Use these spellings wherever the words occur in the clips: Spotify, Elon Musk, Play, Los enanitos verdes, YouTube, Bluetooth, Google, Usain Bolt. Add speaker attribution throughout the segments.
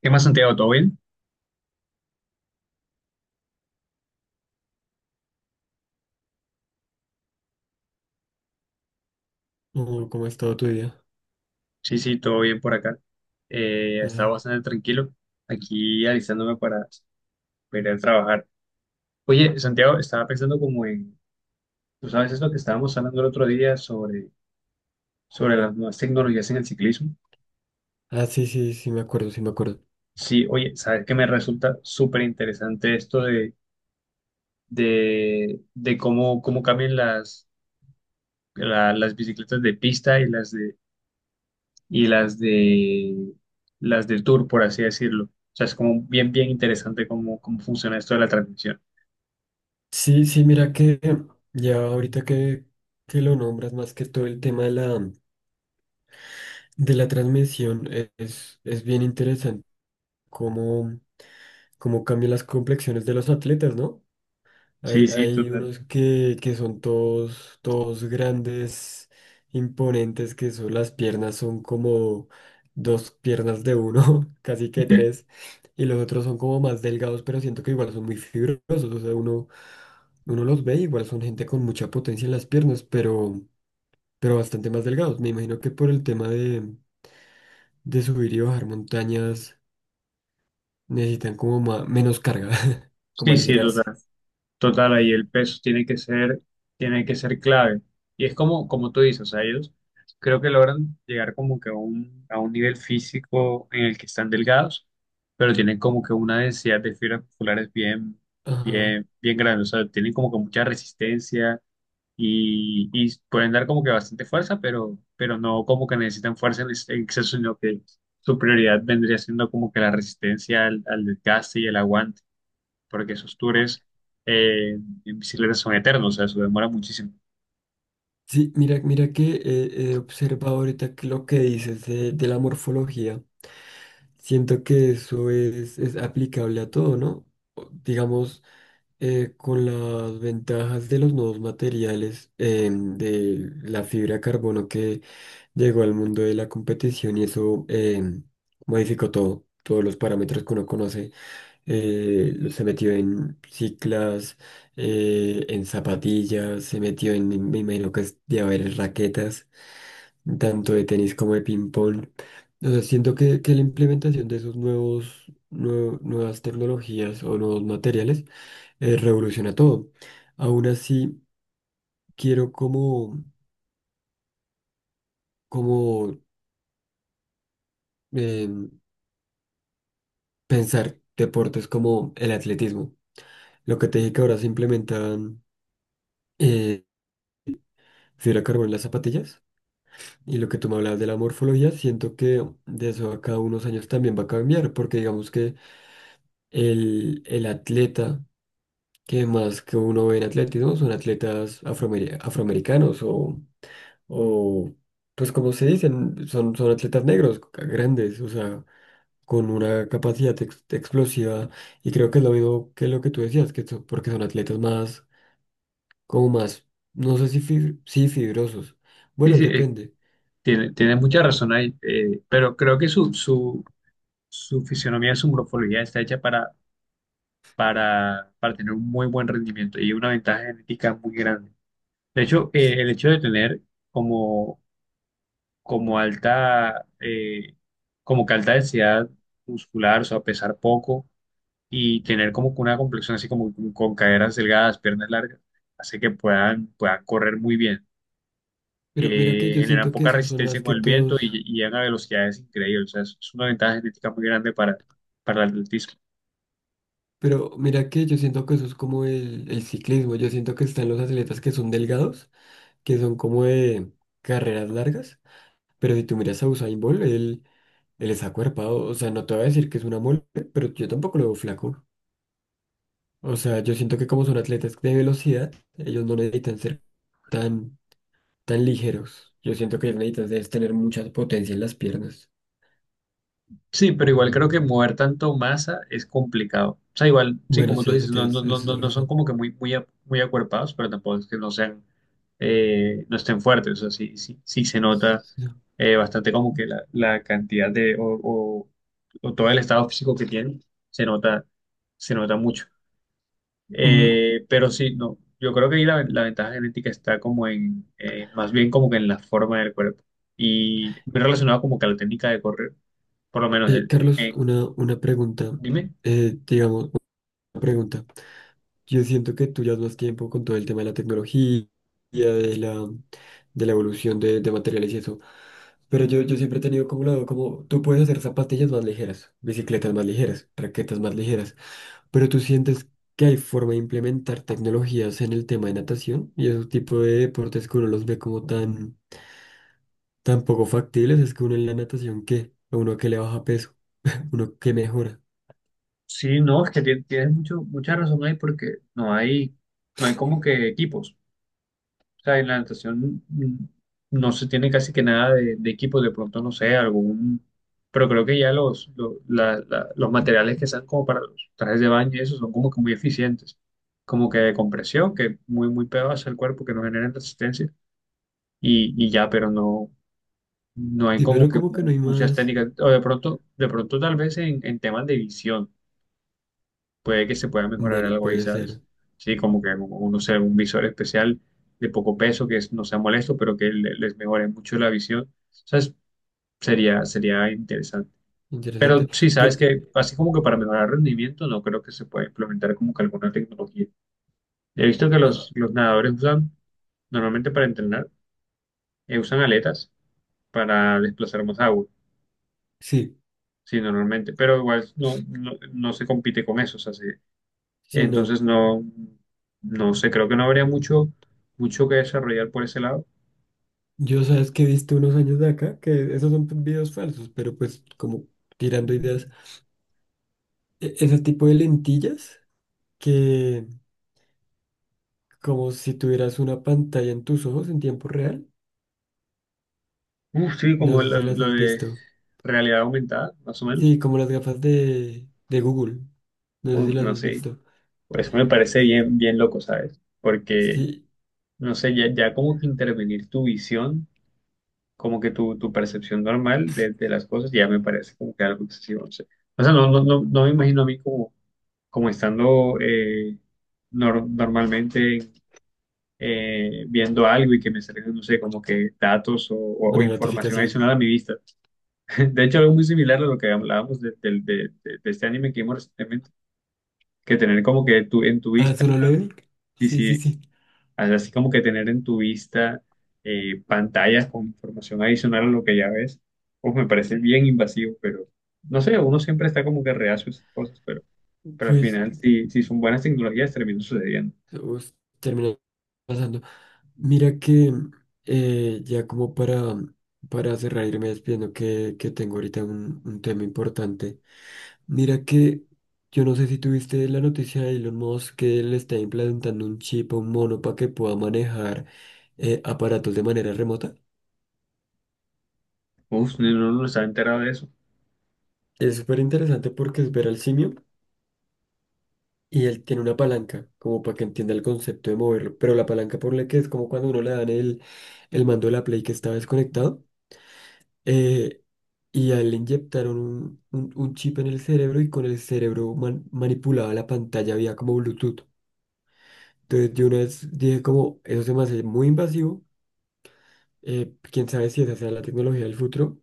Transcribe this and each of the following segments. Speaker 1: ¿Qué más, Santiago? ¿Todo bien?
Speaker 2: Oh, ¿cómo ha estado tu día?
Speaker 1: Sí, sí, todo bien por acá.
Speaker 2: Ah,
Speaker 1: Estaba bastante tranquilo aquí alistándome para ir a trabajar. Oye, Santiago, estaba pensando como tú sabes eso que estábamos hablando el otro día sobre las nuevas tecnologías en el ciclismo.
Speaker 2: sí, sí, sí, me acuerdo, sí, me acuerdo.
Speaker 1: Sí, oye, sabes que me resulta súper interesante esto de cómo, cómo cambian las bicicletas de pista y las de las del tour, por así decirlo. O sea, es como bien interesante cómo funciona esto de la transmisión.
Speaker 2: Sí, sí, mira que ya ahorita que lo nombras, más que todo el tema de la transmisión, es bien interesante cómo, cómo cambian las complexiones de los atletas, ¿no?
Speaker 1: Sí, sí,
Speaker 2: Hay
Speaker 1: total.
Speaker 2: unos que son todos, todos grandes, imponentes, que son las piernas, son como dos piernas de uno, casi que tres, y los otros son como más delgados, pero siento que igual son muy fibrosos, o sea, uno los ve, igual son gente con mucha potencia en las piernas, pero bastante más delgados. Me imagino que por el tema de subir y bajar montañas necesitan como menos carga, como
Speaker 1: Sí, sí, total.
Speaker 2: aligerarse.
Speaker 1: Total, ahí el peso tiene que ser clave. Y es como, como tú dices, o sea, ellos creo que logran llegar como que a a un nivel físico en el que están delgados, pero tienen como que una densidad de fibras musculares
Speaker 2: Ajá.
Speaker 1: bien grande. O sea, tienen como que mucha resistencia y pueden dar como que bastante fuerza, pero no como que necesitan fuerza en exceso, sino que su prioridad vendría siendo como que la resistencia al desgaste y el aguante, porque esos tours eh, en bicicleta son eternos, o sea, eso demora muchísimo.
Speaker 2: Sí, mira, mira que he observado ahorita que lo que dices de la morfología, siento que eso es aplicable a todo, ¿no? Digamos, con las ventajas de los nuevos materiales, de la fibra de carbono que llegó al mundo de la competición y eso modificó todo, todos los parámetros que uno conoce, se metió en ciclas, en zapatillas, se metió en, me imagino que es de haber raquetas tanto de tenis como de ping-pong. O sea, siento que la implementación de esos nuevas tecnologías o nuevos materiales revoluciona todo. Aún así, quiero como, como eh, pensar deportes como el atletismo. Lo que te dije que ahora se implementan eh, fibra de carbono en las zapatillas y lo que tú me hablabas de la morfología, siento que de eso a cada unos años también va a cambiar, porque digamos que el atleta que más que uno ve en atletismo son atletas afroamericanos o, pues como se dicen, son atletas negros, grandes, o sea, con una capacidad explosiva y creo que es lo mismo que lo que tú decías, que son- porque son atletas más, como más, no sé si, si fibrosos,
Speaker 1: Sí,
Speaker 2: bueno,
Speaker 1: sí,
Speaker 2: depende,
Speaker 1: tiene mucha razón ahí, pero creo que su fisionomía, su morfología está hecha para tener un muy buen rendimiento y una ventaja genética muy grande. De hecho, el hecho de tener como como alta, como que alta densidad muscular, o sea, pesar poco y tener como que una complexión así como con caderas delgadas, piernas largas, hace que puedan correr muy bien.
Speaker 2: pero mira que yo
Speaker 1: Generan
Speaker 2: siento que
Speaker 1: poca
Speaker 2: esos son
Speaker 1: resistencia
Speaker 2: más
Speaker 1: con
Speaker 2: que
Speaker 1: el viento
Speaker 2: todos.
Speaker 1: y llegan a velocidades increíbles. O sea, es una ventaja genética muy grande para el atletismo.
Speaker 2: Pero mira que yo siento que eso es como el ciclismo, yo siento que están los atletas que son delgados que son como de carreras largas, pero si tú miras a Usain Bolt, él es acuerpado, o sea, no te voy a decir que es una mole, pero yo tampoco lo veo flaco. O sea, yo siento que como son atletas de velocidad, ellos no necesitan ser tan, tan ligeros. Yo siento que ellos necesitan es tener mucha potencia en las piernas.
Speaker 1: Sí, pero igual creo que mover tanto masa es complicado. O sea, igual, sí,
Speaker 2: Bueno,
Speaker 1: como tú
Speaker 2: sí, eso
Speaker 1: dices, no,
Speaker 2: tienes,
Speaker 1: no, no,
Speaker 2: esa
Speaker 1: no
Speaker 2: es
Speaker 1: no son
Speaker 2: razón.
Speaker 1: como que muy acuerpados, pero tampoco es que no sean, no estén fuertes. O sea, sí, sí, sí se nota
Speaker 2: Sí.
Speaker 1: bastante como que la cantidad o todo el estado físico que tienen, se nota, se nota mucho.
Speaker 2: Mm,
Speaker 1: Pero sí, no, yo creo que ahí la ventaja genética está como más bien como que en la forma del cuerpo. Y muy relacionado como que a la técnica de correr por lo menos en,
Speaker 2: Carlos, una pregunta,
Speaker 1: Dime.
Speaker 2: digamos, una pregunta. Yo siento que tú llevas más tiempo con todo el tema de la tecnología, de la, de la evolución de materiales y eso. Pero yo siempre he tenido como lado, como tú puedes hacer zapatillas más ligeras, bicicletas más ligeras, raquetas más ligeras. Pero tú sientes que hay forma de implementar tecnologías en el tema de natación y esos tipos de deportes que uno los ve como tan, tan poco factibles. Es que uno en la natación, ¿qué? A uno que le baja peso, uno que mejora.
Speaker 1: Sí, no, es que mucha razón ahí porque no hay como que equipos. O sea, en la natación no se tiene casi que nada de equipos, de pronto no sé, algún, pero creo que ya los materiales que sean como para los trajes de baño y eso son como que muy eficientes, como que de compresión, que muy pegados al cuerpo, que no generan resistencia y ya, pero no hay
Speaker 2: Sí,
Speaker 1: como
Speaker 2: pero
Speaker 1: que
Speaker 2: como que no hay
Speaker 1: muchas
Speaker 2: más.
Speaker 1: técnicas, o de pronto tal vez en temas de visión puede que se pueda mejorar
Speaker 2: Bueno,
Speaker 1: algo ahí,
Speaker 2: puede
Speaker 1: ¿sabes?
Speaker 2: ser
Speaker 1: Sí, como que como uno sea un visor especial de poco peso que no sea molesto, pero que les mejore mucho la visión. ¿Sabes? Sería interesante. Pero
Speaker 2: interesante.
Speaker 1: sí,
Speaker 2: Yo,
Speaker 1: sabes que así como que para mejorar rendimiento, no creo que se pueda implementar como que alguna tecnología. He visto que
Speaker 2: ah,
Speaker 1: los nadadores usan, normalmente para entrenar, usan aletas para desplazar más agua.
Speaker 2: sí.
Speaker 1: Sí, normalmente, pero igual no, no, no se compite con eso, o sea, sí,
Speaker 2: Sí, no.
Speaker 1: entonces no, no sé, creo que no habría mucho que desarrollar por ese lado.
Speaker 2: Yo sabes que he visto unos años de acá que esos son videos falsos, pero pues como tirando ideas. Ese tipo de lentillas que como si tuvieras una pantalla en tus ojos en tiempo real.
Speaker 1: Uf, sí,
Speaker 2: No
Speaker 1: como
Speaker 2: sé si las
Speaker 1: lo
Speaker 2: has
Speaker 1: de
Speaker 2: visto.
Speaker 1: realidad aumentada, más o menos.
Speaker 2: Sí, como las gafas de Google. No sé si
Speaker 1: Uf,
Speaker 2: las
Speaker 1: no
Speaker 2: has
Speaker 1: sé,
Speaker 2: visto.
Speaker 1: pues me parece bien loco, ¿sabes? Porque,
Speaker 2: Sí,
Speaker 1: no sé, ya como que intervenir tu visión, como que tu percepción normal de las cosas, ya me parece como que algo excesivo, no sé. O sea, no, no, no, no me imagino a mí como, como estando normalmente viendo algo y que me salgan, no sé, como que datos o
Speaker 2: una
Speaker 1: información
Speaker 2: notificación.
Speaker 1: adicional a mi vista. De hecho, algo muy similar a lo que hablábamos de, del- de este anime que vimos recientemente, que tener como que tu en tu
Speaker 2: Ah,
Speaker 1: vista,
Speaker 2: ¿solo le vi?
Speaker 1: y
Speaker 2: Sí, sí,
Speaker 1: si,
Speaker 2: sí.
Speaker 1: así como que tener en tu vista pantallas con información adicional a lo que ya ves, pues me parece bien invasivo, pero no sé, uno siempre está como que reacio a esas cosas, pero al
Speaker 2: Pues
Speaker 1: final, si son buenas tecnologías, termina sucediendo.
Speaker 2: us- terminé pasando. Mira que ya como para cerrar, irme despidiendo que tengo ahorita un tema importante. Mira que yo no sé si tuviste la noticia de Elon Musk que le está implantando un chip a un mono para que pueda manejar aparatos de manera remota.
Speaker 1: Uf, no, no, no estaba enterado de eso.
Speaker 2: Es súper interesante porque es ver al simio y él tiene una palanca como para que entienda el concepto de moverlo. Pero la palanca por la que es como cuando uno le dan el mando de la Play que está desconectado eh, y a él le inyectaron un, un chip en el cerebro y con el cerebro manipulaba la pantalla vía como Bluetooth. Entonces yo una vez dije como, eso se me hace muy invasivo, quién sabe si esa será la tecnología del futuro,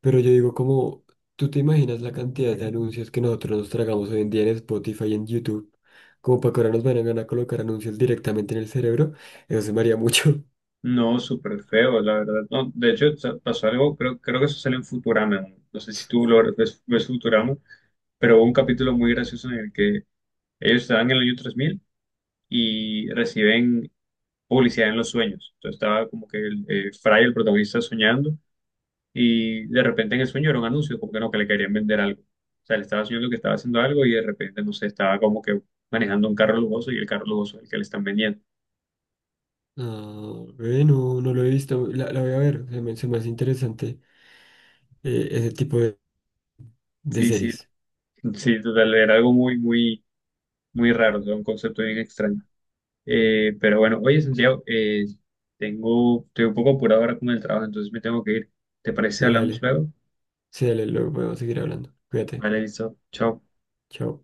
Speaker 2: pero yo digo como, ¿tú te imaginas la cantidad de anuncios que nosotros nos tragamos hoy en día en Spotify y en YouTube? Como para que ahora nos vayan a colocar anuncios directamente en el cerebro, eso se me haría mucho.
Speaker 1: No, súper feo, la verdad. No, de hecho, pasó algo, creo que eso sale en Futurama. No, no sé si tú lo ves, ves Futurama, pero hubo un capítulo muy gracioso en el que ellos estaban en el año 3000 y reciben publicidad en los sueños. Entonces estaba como que Fry, el protagonista, soñando y de repente en el sueño era un anuncio, como que no, que le querían vender algo. O sea, le estaba soñando que estaba haciendo algo y de repente, no sé, estaba como que manejando un carro lujoso y el carro lujoso es el que le están vendiendo.
Speaker 2: Ah, bueno, no no lo he visto, la voy a ver, se me hace interesante ese tipo de
Speaker 1: Sí, sí,
Speaker 2: series.
Speaker 1: sí, total, era algo muy raro, o sea, un concepto bien extraño. Pero bueno, oye, Santiago, estoy un poco apurado ahora con el trabajo, entonces me tengo que ir. ¿Te parece si
Speaker 2: Dale,
Speaker 1: hablamos
Speaker 2: dale.
Speaker 1: luego?
Speaker 2: Sí, dale, luego podemos seguir hablando. Cuídate.
Speaker 1: Vale, listo. Chao.
Speaker 2: Chao.